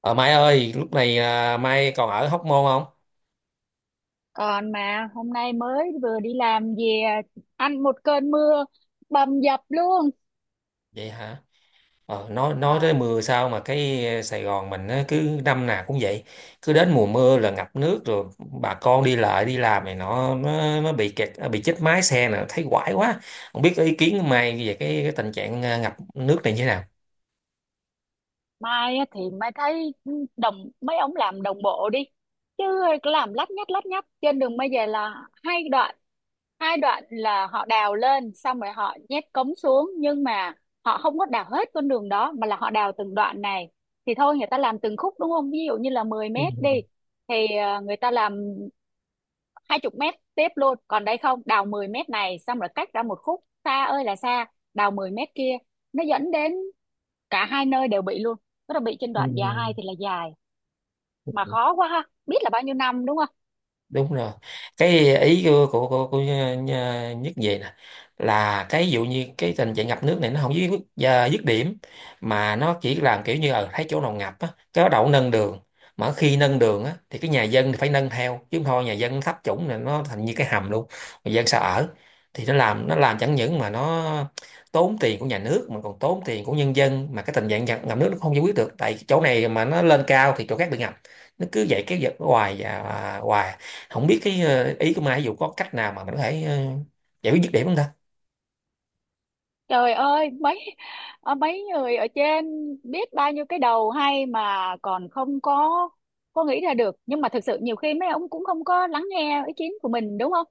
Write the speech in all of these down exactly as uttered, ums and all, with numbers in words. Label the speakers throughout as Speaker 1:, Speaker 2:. Speaker 1: Ờ Mai ơi, lúc này à, Mai còn ở Hóc Môn không?
Speaker 2: Còn mà hôm nay mới vừa đi làm về ăn một cơn mưa bầm dập luôn.
Speaker 1: Vậy hả? Ờ, nói nói
Speaker 2: Ờ,
Speaker 1: tới mưa sao mà cái Sài Gòn mình á, cứ năm nào cũng vậy, cứ đến mùa mưa là ngập nước rồi, bà con đi lại đi làm này nó nó, nó bị kẹt à, bị chết mái xe nè, thấy quái quá. Không biết ý kiến của Mai về cái, cái tình trạng à, ngập nước này như thế nào?
Speaker 2: mai á thì mai thấy đồng mấy ông làm đồng bộ đi. Chứ làm lắt nhắt lắt nhắt trên đường bây giờ là hai đoạn. Hai đoạn là họ đào lên xong rồi họ nhét cống xuống, nhưng mà họ không có đào hết con đường đó mà là họ đào từng đoạn này. Thì thôi người ta làm từng khúc, đúng không? Ví dụ như là mười
Speaker 1: Ừ.
Speaker 2: mét đi, thì ờ, người ta làm hai chục mét tiếp luôn, còn đây không, đào mười mét này xong rồi cách ra một khúc xa ơi là xa, đào mười mét kia. Nó dẫn đến cả hai nơi đều bị luôn, tức là bị trên đoạn dài thì là dài, mà
Speaker 1: Ừ.
Speaker 2: khó quá ha, biết là bao nhiêu năm đúng không.
Speaker 1: Đúng rồi, cái ý của của, của, của Nh- nhất về nè là cái dụ như cái tình trạng ngập nước này nó không dứt à, dứt điểm, mà nó chỉ làm kiểu như ở thấy chỗ nào ngập á cái đậu nâng đường, mà khi nâng đường á thì cái nhà dân thì phải nâng theo, chứ không thôi nhà dân thấp chủng này nó thành như cái hầm luôn, người dân sao ở. Thì nó làm nó làm chẳng những mà nó tốn tiền của nhà nước mà còn tốn tiền của nhân dân, mà cái tình trạng ngập, ngập nước nó không giải quyết được tại chỗ này mà nó lên cao thì chỗ khác bị ngập. Nó cứ vậy kéo dài hoài và hoài. Không biết cái ờ, ý của Mai ví dụ có cách nào mà mình có thể ờ, giải quyết dứt điểm không ta.
Speaker 2: Trời ơi mấy ờ, mấy người ở trên biết bao nhiêu cái đầu hay mà còn không có, có nghĩ ra được. Nhưng mà thực sự nhiều khi mấy ông cũng không có lắng nghe ý kiến của mình, đúng không.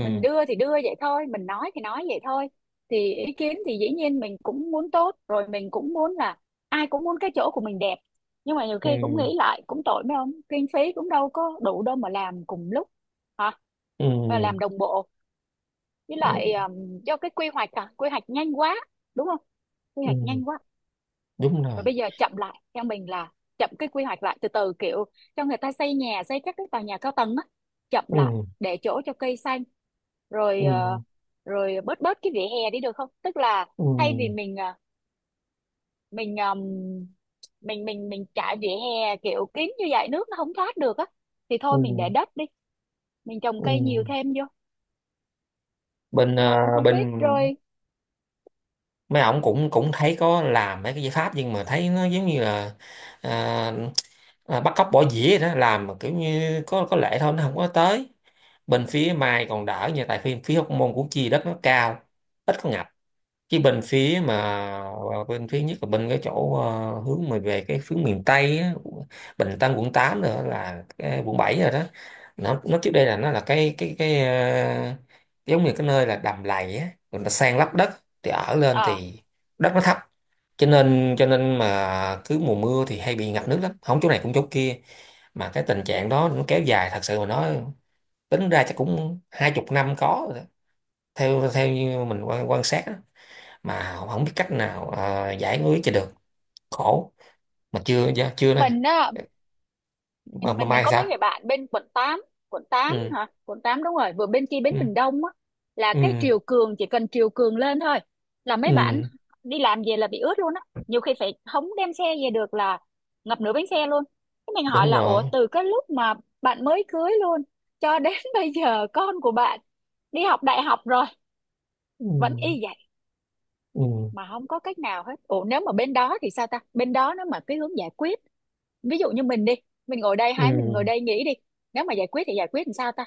Speaker 2: Mình đưa thì đưa vậy thôi, mình nói thì nói vậy thôi. Thì ý kiến thì dĩ nhiên mình cũng muốn tốt rồi, mình cũng muốn là ai cũng muốn cái chỗ của mình đẹp, nhưng mà nhiều khi cũng
Speaker 1: Ừ.
Speaker 2: nghĩ lại cũng tội mấy ông, kinh phí cũng đâu có đủ đâu mà làm cùng lúc hả,
Speaker 1: Ừ.
Speaker 2: và làm đồng bộ. Với lại
Speaker 1: Ừ.
Speaker 2: um, do cái quy hoạch, à, quy hoạch nhanh quá, đúng không, quy hoạch
Speaker 1: Ừ,
Speaker 2: nhanh quá.
Speaker 1: đúng rồi.
Speaker 2: Rồi bây giờ chậm lại, theo mình là chậm cái quy hoạch lại từ từ, kiểu cho người ta xây nhà, xây các cái tòa nhà cao tầng á, chậm lại,
Speaker 1: Ừ.
Speaker 2: để chỗ cho cây xanh. Rồi
Speaker 1: Ừ.
Speaker 2: ờ, rồi bớt bớt cái vỉa hè đi được không, tức là
Speaker 1: Ừ.
Speaker 2: thay vì mình ờ, mình ờm, mình mình mình trải vỉa hè kiểu kín như vậy nước nó không thoát được á, thì
Speaker 1: Ừ.
Speaker 2: thôi mình để đất đi, mình trồng cây nhiều
Speaker 1: Ừ.
Speaker 2: thêm vô.
Speaker 1: Bên ờ,
Speaker 2: Mà không biết
Speaker 1: bên
Speaker 2: rồi.
Speaker 1: mấy ổng cũng cũng thấy có làm mấy cái giải pháp nhưng mà thấy nó giống như là à, à, bắt cóc bỏ dĩa vậy đó, làm mà kiểu như có có lệ thôi, nó không có tới. Bên phía Mai còn đỡ nha, tại phía phía Hóc Môn của chi đất nó cao, ít có ngập. Cái bên phía mà à, bên phía nhất là bên cái chỗ à, hướng mà về cái hướng miền Tây á, Bình Tân, quận tám, nữa là cái quận bảy rồi đó. Nó nó trước đây là nó là cái cái cái à, giống như cái nơi là đầm lầy á, người ta san lấp đất thì ở lên
Speaker 2: Ờ,
Speaker 1: thì đất nó thấp, cho nên cho nên mà cứ mùa mưa thì hay bị ngập nước lắm, không chỗ này cũng chỗ kia. Mà cái tình trạng đó nó kéo dài, thật sự mà nói tính ra chắc cũng hai chục năm có rồi đó. Theo theo như mình quan, quan sát á, mà không không biết cách nào ờ, giải quyết cho được, khổ. Mà chưa dạ, chưa đó nha.
Speaker 2: mình á,
Speaker 1: mà,
Speaker 2: mình
Speaker 1: mà
Speaker 2: mình mình
Speaker 1: Mai
Speaker 2: có mấy
Speaker 1: sao.
Speaker 2: người bạn bên quận tám. Quận tám
Speaker 1: Ừ.
Speaker 2: hả, quận tám, đúng rồi, vừa bên kia bến
Speaker 1: Ừ.
Speaker 2: Bình Đông á, là cái
Speaker 1: Ừ.
Speaker 2: triều cường, chỉ cần triều cường lên thôi là mấy bạn
Speaker 1: Ừ.
Speaker 2: đi làm về là bị ướt luôn á, nhiều khi phải không đem xe về được, là ngập nửa bánh xe luôn. Cái mình hỏi
Speaker 1: Đúng
Speaker 2: là, ủa
Speaker 1: rồi.
Speaker 2: từ cái lúc mà bạn mới cưới luôn cho đến bây giờ con của bạn đi học đại học rồi
Speaker 1: Ừ.
Speaker 2: vẫn y vậy,
Speaker 1: Ừ.
Speaker 2: mà không có cách nào hết. Ủa nếu mà bên đó thì sao ta, bên đó nó mà cái hướng giải quyết, ví dụ như mình đi, mình ngồi đây,
Speaker 1: Ừ.
Speaker 2: hai mình ngồi đây nghĩ đi, nếu mà giải quyết thì giải quyết làm sao ta.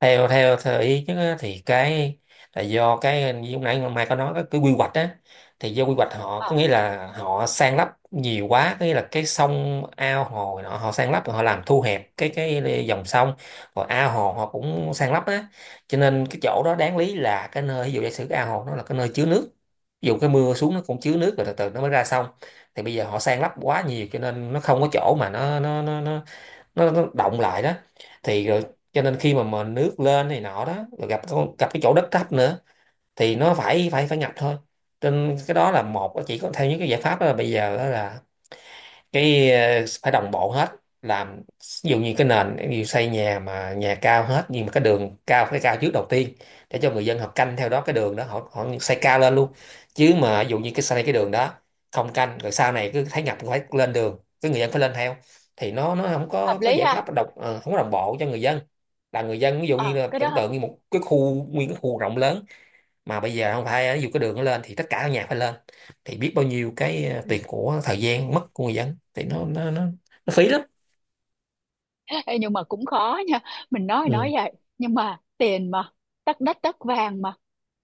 Speaker 1: theo theo theo ý chứ á, thì cái là do cái như lúc nãy Mai có nói cái, cái quy hoạch á, thì do quy hoạch họ
Speaker 2: Ờ,
Speaker 1: có nghĩa là họ san lấp nhiều quá, có nghĩa là cái sông ao hồ này nọ họ san lấp, rồi họ làm thu hẹp cái cái dòng sông, rồi ao hồ họ cũng san lấp á. Cho nên cái chỗ đó đáng lý là cái nơi, ví dụ giả sử cái ao hồ nó là cái nơi chứa nước, ví dụ cái mưa xuống nó cũng chứa nước rồi từ từ nó mới ra sông. Thì bây giờ họ san lấp quá nhiều cho nên nó không có chỗ mà nó nó nó nó nó, nó động lại đó. Thì rồi cho nên khi mà mà nước lên này nọ đó rồi gặp con- gặp cái chỗ đất thấp nữa thì nó phải phải phải ngập thôi. Trên cái đó là một, chỉ có theo những cái giải pháp đó là bây giờ đó là cái ờ, phải đồng bộ hết. Làm ví dụ như cái nền, ví dụ xây nhà mà nhà cao hết nhưng mà cái đường cao phải cao trước đầu tiên, để cho người dân họ canh theo đó, cái đường đó họ họ xây cao lên luôn. Chứ mà ví dụ như cái xây cái đường đó không canh, rồi sau này cứ thấy ngập phải lên đường cái người dân phải lên theo, thì nó nó không
Speaker 2: hợp
Speaker 1: có có
Speaker 2: lý
Speaker 1: giải
Speaker 2: ha.
Speaker 1: pháp đồng ờ, không có đồng bộ cho người dân. Là người dân ví dụ như
Speaker 2: Ờ,
Speaker 1: là
Speaker 2: cái
Speaker 1: tưởng
Speaker 2: đó.
Speaker 1: tượng như một cái khu, nguyên cái khu rộng lớn mà bây giờ không phải, ví dụ cái đường nó lên thì tất cả các nhà phải lên, thì biết bao nhiêu cái ờ,
Speaker 2: Ừ.
Speaker 1: tiền của, thời gian mất của người dân, thì nó nó nó, nó phí lắm.
Speaker 2: Ê, nhưng mà cũng khó nha, mình nói thì nói
Speaker 1: Ừ.
Speaker 2: vậy nhưng mà tiền mà, tất đất tất vàng mà.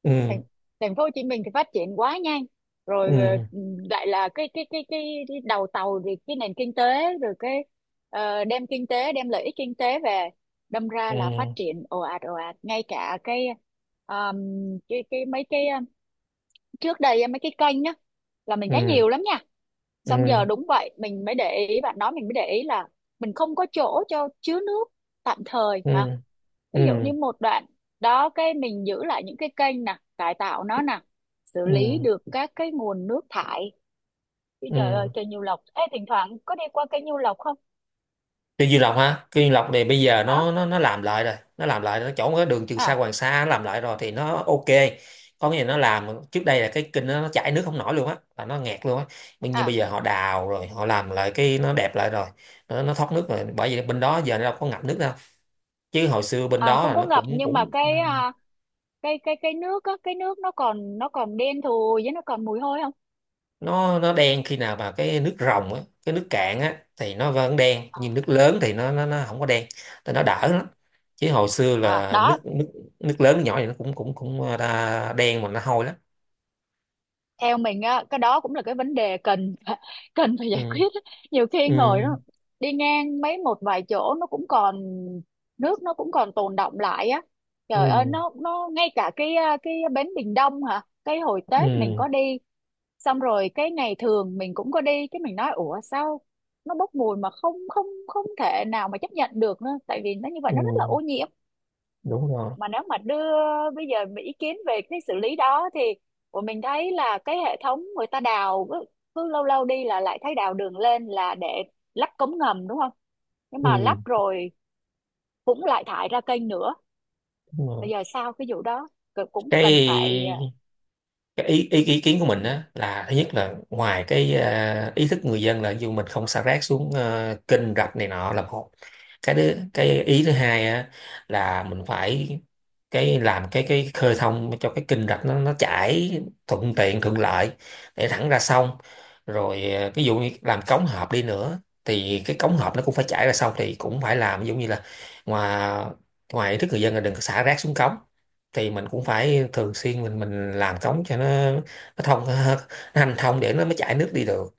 Speaker 1: Ừ.
Speaker 2: thành, Thành phố Hồ Chí Minh thì phát triển quá nhanh. Rồi ờ,
Speaker 1: Ừ.
Speaker 2: lại là cái cái cái cái, cái đầu tàu thì cái nền kinh tế, rồi cái ờ, đem kinh tế, đem lợi ích kinh tế về, đâm ra
Speaker 1: Ừ.
Speaker 2: là phát triển ồ ạt ồ ạt, ngay cả cái um, cái cái mấy cái ờ, trước đây á, mấy cái kênh á là mình thấy
Speaker 1: Ừ.
Speaker 2: nhiều lắm nha, xong
Speaker 1: Ừ.
Speaker 2: giờ đúng vậy, mình mới để ý bạn nói, mình mới để ý là mình không có chỗ cho chứa nước tạm thời
Speaker 1: Ừ.
Speaker 2: hả. Ví dụ
Speaker 1: Ừ.
Speaker 2: như một đoạn đó, cái mình giữ lại những cái kênh nè, cải tạo nó nè, xử lý
Speaker 1: Ừ.
Speaker 2: được các cái nguồn nước thải. Chứ trời ơi,
Speaker 1: Ừ.
Speaker 2: kênh Nhiêu Lộc, ê thỉnh thoảng có đi qua kênh Nhiêu Lộc không?
Speaker 1: Cây Dương Lộc ha, cây Dương Lộc này bây giờ
Speaker 2: Hả.
Speaker 1: nó nó nó làm lại rồi, nó làm lại nó chỗ cái đường Trường Sa
Speaker 2: À.
Speaker 1: Hoàng Sa, nó làm lại rồi thì nó ok. Có nghĩa là nó làm trước đây là cái kênh nó, nó chảy nước không nổi luôn á, là nó nghẹt luôn á. Nhưng nhưng bây
Speaker 2: À,
Speaker 1: giờ họ đào rồi họ làm lại, cái nó đẹp lại rồi. Nó, nó thoát nước rồi, bởi vì bên đó giờ nó đâu có ngập nước đâu. Chứ hồi xưa bên
Speaker 2: à
Speaker 1: đó
Speaker 2: không
Speaker 1: là
Speaker 2: có
Speaker 1: nó
Speaker 2: ngập
Speaker 1: cũng
Speaker 2: nhưng mà
Speaker 1: cũng ừ,
Speaker 2: cái à, cái cái cái nước á, cái nước nó còn, nó còn đen thùi, với nó còn mùi hôi không.
Speaker 1: nó nó đen khi nào mà cái nước ròng á, cái nước cạn á thì nó vẫn đen, nhưng nước lớn thì nó nó, nó không có đen. Thì nó đỡ lắm. Chứ hồi xưa
Speaker 2: À
Speaker 1: là
Speaker 2: đó,
Speaker 1: nước nước, nước lớn nước nhỏ thì nó cũng cũng cũng đa, đen mà nó hôi lắm.
Speaker 2: theo mình á cái đó cũng là cái vấn đề cần cần phải giải
Speaker 1: Ừ.
Speaker 2: quyết á. Nhiều khi ngồi
Speaker 1: Ừ.
Speaker 2: nó đi ngang mấy một vài chỗ nó cũng còn nước, nó cũng còn tồn đọng lại á. Trời ơi,
Speaker 1: Ừ.
Speaker 2: nó nó ngay cả cái à, cái bến Bình Đông hả, cái hồi Tết mình
Speaker 1: Ừ.
Speaker 2: có đi, xong rồi cái ngày thường mình cũng có đi, cái mình nói ủa sao nó bốc mùi, mà không không không thể nào mà chấp nhận được nữa, tại vì nó như vậy
Speaker 1: Ừ.
Speaker 2: nó rất là ô nhiễm.
Speaker 1: Đúng rồi.
Speaker 2: Mà nếu mà đưa bây giờ mà ý kiến về cái xử lý đó, thì của mình thấy là cái hệ thống người ta đào cứ, cứ lâu lâu đi là lại thấy đào đường lên là để lắp cống ngầm đúng không, nhưng
Speaker 1: Ừ.
Speaker 2: mà lắp rồi cũng lại thải ra kênh nữa.
Speaker 1: Đúng
Speaker 2: Bây
Speaker 1: rồi.
Speaker 2: giờ sau cái vụ đó cũng cần phải,
Speaker 1: cái cái ý, ý ý kiến của
Speaker 2: à,
Speaker 1: mình á, là thứ nhất là ngoài cái à, ý thức người dân là dù mình không xả rác xuống à, kênh rạch này nọ là một. Cái đứa, cái ý thứ hai á là mình phải cái làm cái cái khơi thông cho cái kênh rạch nó nó chảy thuận tiện thuận lợi để thẳng ra sông. Rồi à, ví dụ như làm cống hộp đi nữa thì cái cống hộp nó cũng phải chảy ra sông, thì cũng phải làm ví dụ như là ngoài ngoài ý thức người dân là đừng có xả rác xuống cống, thì mình cũng phải thường xuyên mình mình làm cống cho nó nó thông nó hành thông để nó mới chảy nước đi được.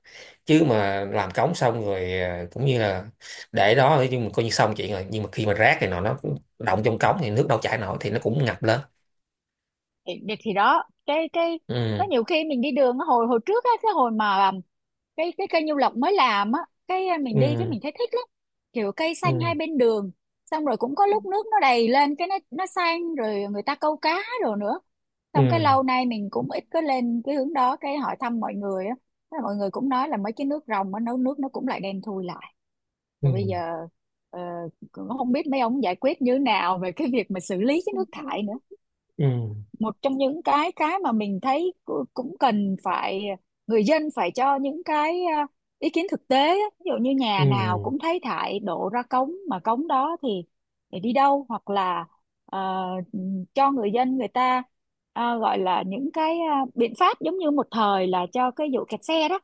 Speaker 1: Chứ mà làm cống xong rồi à, cũng như là để đó chứ mình coi như xong chuyện rồi, nhưng mà khi mà rác này nọ nó cũng động trong cống thì nước đâu chảy nổi, thì nó cũng ngập lên.
Speaker 2: thì, thì thì đó cái cái có
Speaker 1: Ừ.
Speaker 2: nhiều khi mình đi đường á, hồi hồi trước á, cái hồi mà um, cái cái cây Nhiêu Lộc mới làm á, cái uh, mình đi cái
Speaker 1: Ừ.
Speaker 2: mình thấy thích lắm, kiểu cây xanh hai
Speaker 1: Ừ.
Speaker 2: bên đường. Xong rồi cũng có lúc nước nó đầy lên, cái nó nó xanh, rồi người ta câu cá rồi nữa. Xong cái
Speaker 1: Ừ.
Speaker 2: lâu nay mình cũng ít có lên cái hướng đó, cái hỏi thăm mọi người á. Thế là mọi người cũng nói là mấy cái nước rồng á, nấu nước nó cũng lại đen thui lại. Rồi bây giờ
Speaker 1: Ừ.
Speaker 2: ờ, cũng không biết mấy ông giải quyết như thế nào về cái việc mà xử lý cái nước thải nữa.
Speaker 1: Ừ.
Speaker 2: Một trong những cái cái mà mình thấy cu- cũng cần phải, người dân phải cho những cái à, ý kiến thực tế á. Ví dụ như nhà
Speaker 1: Ừ.
Speaker 2: nào cũng thấy thải đổ ra cống, mà cống đó thì để đi đâu, hoặc là ờ, cho người dân người ta, à, gọi là những cái à, biện pháp giống như một thời là cho cái vụ kẹt xe đó,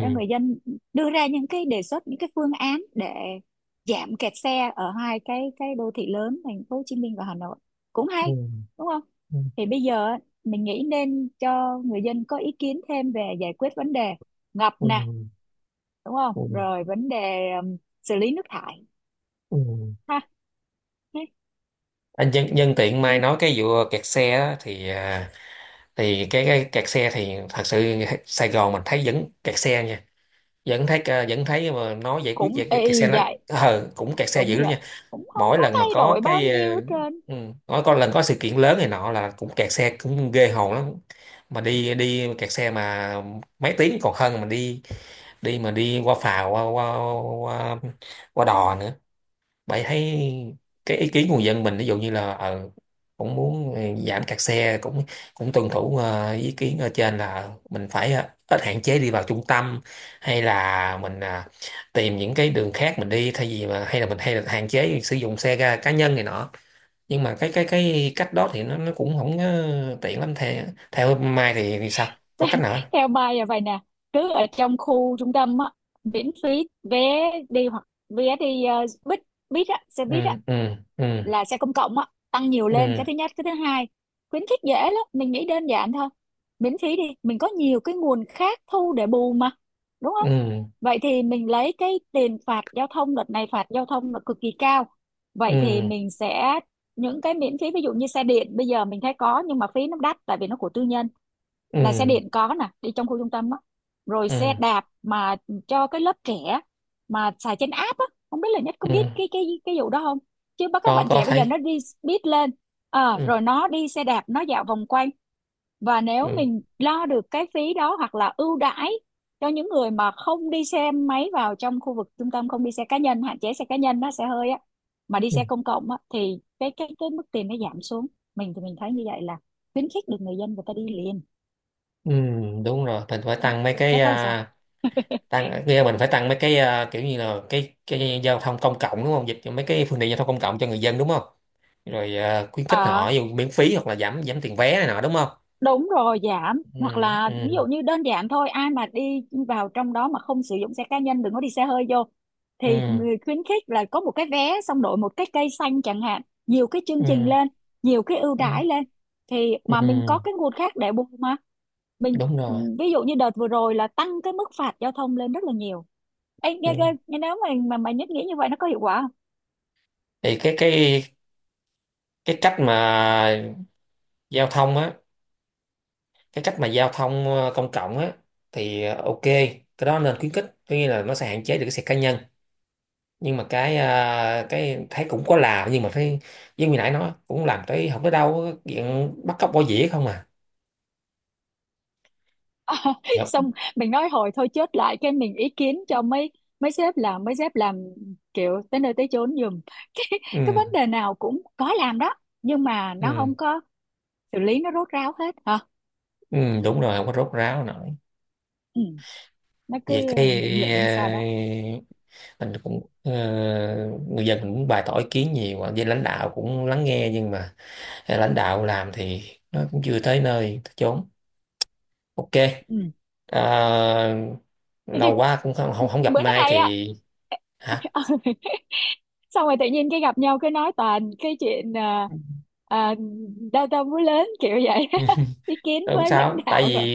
Speaker 2: cho người dân đưa ra những cái đề xuất, những cái phương án để giảm kẹt xe ở hai cái cái đô thị lớn, thành phố Hồ Chí Minh và Hà Nội, cũng
Speaker 1: Ừ.
Speaker 2: hay đúng không.
Speaker 1: Ừ.
Speaker 2: Thì bây giờ á, mình nghĩ nên cho người dân có ý kiến thêm về giải quyết vấn đề ngập
Speaker 1: Ừ.
Speaker 2: nè, đúng không,
Speaker 1: Ừ.
Speaker 2: rồi vấn đề um, xử lý nước thải,
Speaker 1: Ừ.
Speaker 2: ha. Thế
Speaker 1: Anh nhân, nhân tiện Mai
Speaker 2: chứ,
Speaker 1: nói cái vụ kẹt xe á, thì à, thì cái, cái kẹt xe thì thật sự Sài Gòn mình thấy vẫn kẹt xe nha. Vẫn thấy ờ, vẫn thấy mà nó giải quyết
Speaker 2: cũng
Speaker 1: về cái kẹt xe
Speaker 2: y
Speaker 1: nó
Speaker 2: vậy.
Speaker 1: ờ cũng kẹt xe
Speaker 2: Đúng
Speaker 1: dữ lắm
Speaker 2: vậy,
Speaker 1: nha.
Speaker 2: cũng không
Speaker 1: Mỗi
Speaker 2: có
Speaker 1: lần mà
Speaker 2: thay
Speaker 1: có
Speaker 2: đổi bao
Speaker 1: cái
Speaker 2: nhiêu
Speaker 1: ờ,
Speaker 2: hết trơn.
Speaker 1: ừ, mỗi có lần có sự kiện lớn này nọ là cũng kẹt xe cũng ghê hồn lắm. Mà đi đi kẹt xe mà mấy tiếng còn hơn, mà đi đi mà đi qua phà qua qua qua, qua đò nữa, bạn thấy. Cái ý kiến của người dân mình ví dụ như là ờ, cũng muốn ờ, giảm kẹt xe, cũng cũng tuân thủ ờ, ý kiến ở trên là mình phải ờ, ít hạn chế đi vào trung tâm, hay là mình à, tìm những cái đường khác mình đi, thay vì mà hay là mình hay là hạn chế sử dụng xe ga cá nhân này nọ. Nhưng mà cái cái cái cách đó thì nó nó cũng không ờ, tiện lắm. Theo theo Mai thì, thì sao có cách nào không?
Speaker 2: Theo Mai là vậy nè, cứ ở trong khu trung tâm á miễn phí vé đi, hoặc vé đi uh, buýt, buýt á, xe buýt á,
Speaker 1: Ừ. Ừ. Ừ.
Speaker 2: là xe công cộng á, tăng nhiều lên, cái
Speaker 1: Ừ.
Speaker 2: thứ nhất. Cái thứ hai, khuyến khích dễ lắm, mình nghĩ đơn giản thôi, miễn phí đi, mình có nhiều cái nguồn khác thu để bù mà, đúng không.
Speaker 1: Ừ.
Speaker 2: Vậy thì mình lấy cái tiền phạt giao thông, đợt này phạt giao thông là cực kỳ cao, vậy thì
Speaker 1: Ừ.
Speaker 2: mình sẽ những cái miễn phí, ví dụ như xe điện bây giờ mình thấy có nhưng mà phí nó đắt tại vì nó của tư nhân, là xe
Speaker 1: Ừ.
Speaker 2: điện có nè, đi trong khu trung tâm á, rồi
Speaker 1: Ừ.
Speaker 2: xe
Speaker 1: Ừ.
Speaker 2: đạp mà cho cái lớp trẻ mà xài trên app á, không biết là Nhất có biết
Speaker 1: Ừ.
Speaker 2: cái cái cái vụ đó không. Chứ bắt các
Speaker 1: có
Speaker 2: bạn
Speaker 1: có
Speaker 2: trẻ bây giờ nó
Speaker 1: thấy.
Speaker 2: đi biết lên. Ờ,
Speaker 1: Ừ.
Speaker 2: rồi nó đi xe đạp nó dạo vòng quanh, và nếu
Speaker 1: Ừ.
Speaker 2: mình lo được cái phí đó hoặc là ưu đãi cho những người mà không đi xe máy vào trong khu vực trung tâm, không đi xe cá nhân, hạn chế xe cá nhân nó xe hơi á, mà đi
Speaker 1: Ừ.
Speaker 2: xe công cộng á thì cái cái cái mức tiền nó giảm xuống. Mình thì mình thấy như vậy là khuyến khích được người dân người ta đi liền,
Speaker 1: Ừ, đúng rồi, mình phải tăng mấy
Speaker 2: giá
Speaker 1: cái
Speaker 2: thấy sao.
Speaker 1: à, tăng kia, mình phải tăng mấy cái à, kiểu như là cái cái giao thông công cộng đúng không, dịch cho mấy cái phương tiện giao thông công cộng cho người dân đúng không. Rồi à, khuyến khích
Speaker 2: Ờ
Speaker 1: họ dù miễn phí hoặc là giảm giảm tiền vé này nọ đúng không.
Speaker 2: đúng rồi, giảm
Speaker 1: Ừ.
Speaker 2: hoặc là ví
Speaker 1: Ừ.
Speaker 2: dụ như đơn giản thôi, ai mà đi vào trong đó mà không sử dụng xe cá nhân, đừng có đi xe hơi vô, thì
Speaker 1: Ừ.
Speaker 2: người khuyến khích là có một cái vé xong đổi một cái cây xanh chẳng hạn, nhiều cái chương trình
Speaker 1: Ừ.
Speaker 2: lên, nhiều cái ưu đãi
Speaker 1: Ừ.
Speaker 2: lên, thì
Speaker 1: Ừ,
Speaker 2: mà mình có cái nguồn khác để bù mà. Mình
Speaker 1: đúng rồi.
Speaker 2: ví dụ như đợt vừa rồi là tăng cái mức phạt giao thông lên rất là nhiều. Ê,
Speaker 1: Ừ.
Speaker 2: nghe, nghe, nghe nếu mà mà mà nhất nghĩ như vậy nó có hiệu quả.
Speaker 1: Thì cái cái cái cách mà giao thông á, cái cách mà giao thông ờ, công cộng á, thì ờ, ok, cái đó nên khuyến khích, có nghĩa là nó sẽ hạn chế được cái xe cá nhân. Nhưng mà cái à, cái thấy cũng có làm nhưng mà thấy giống như nãy nói, cũng làm tới không tới đâu á, chuyện bắt cóc bỏ dĩa không à. Thiệt.
Speaker 2: Xong mình nói hồi thôi, chốt lại cái mình ý kiến cho mấy mấy sếp làm, mấy sếp làm kiểu tới nơi tới chốn giùm cái cái
Speaker 1: ừ,
Speaker 2: vấn đề nào cũng có làm đó, nhưng mà nó không
Speaker 1: ừ,
Speaker 2: có xử lý nó rốt ráo hết hả.
Speaker 1: ừ, đúng rồi, không có rốt ráo nổi.
Speaker 2: Ừ. Nó cứ
Speaker 1: Vậy cái
Speaker 2: lững lững sao đó.
Speaker 1: ờ, mình cũng ờ, người dân mình cũng bày tỏ ý kiến nhiều à, với lãnh đạo cũng lắng nghe, nhưng mà à, lãnh đạo làm thì nó cũng chưa tới nơi tới chốn. Ok.
Speaker 2: Ừ.
Speaker 1: Ờ,
Speaker 2: Thế
Speaker 1: lâu
Speaker 2: thì
Speaker 1: quá cũng không không, không gặp
Speaker 2: bữa
Speaker 1: Mai
Speaker 2: nay á.
Speaker 1: thì. Hả.
Speaker 2: Xong rồi tự nhiên cái gặp nhau cái nói toàn cái chuyện à, à, đau tâm vú lớn kiểu vậy.
Speaker 1: Ừ.
Speaker 2: Ý kiến
Speaker 1: Ờ, không
Speaker 2: với lãnh
Speaker 1: sao, tại vì
Speaker 2: đạo rồi.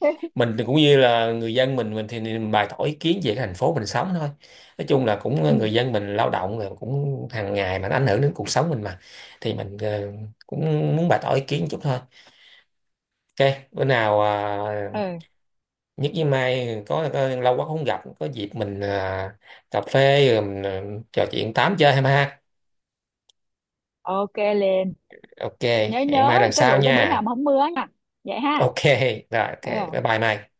Speaker 1: mình thì cũng như là người dân, mình mình thì mình bày tỏ ý kiến về cái thành phố mình sống thôi. Nói chung là cũng ờ,
Speaker 2: Ừ.
Speaker 1: người dân mình lao động rồi cũng hàng ngày mà nó ảnh hưởng đến cuộc sống mình mà, thì mình ờ, cũng muốn bày tỏ ý kiến chút thôi. Ok, bữa nào à,
Speaker 2: Ừ.
Speaker 1: nhất với Mai có, có lâu quá không gặp, có dịp mình à, cà phê rồi mình, ờ, trò chuyện tám chơi em ha.
Speaker 2: Ok liền,
Speaker 1: Ok.
Speaker 2: nhớ
Speaker 1: Hẹn
Speaker 2: nhớ
Speaker 1: Mai lần
Speaker 2: cái
Speaker 1: sau
Speaker 2: rượu cái bữa nào
Speaker 1: nha.
Speaker 2: mà không mưa nha. Vậy ha.
Speaker 1: Ok rồi, ok.
Speaker 2: Ừ.
Speaker 1: Bye bye Mai.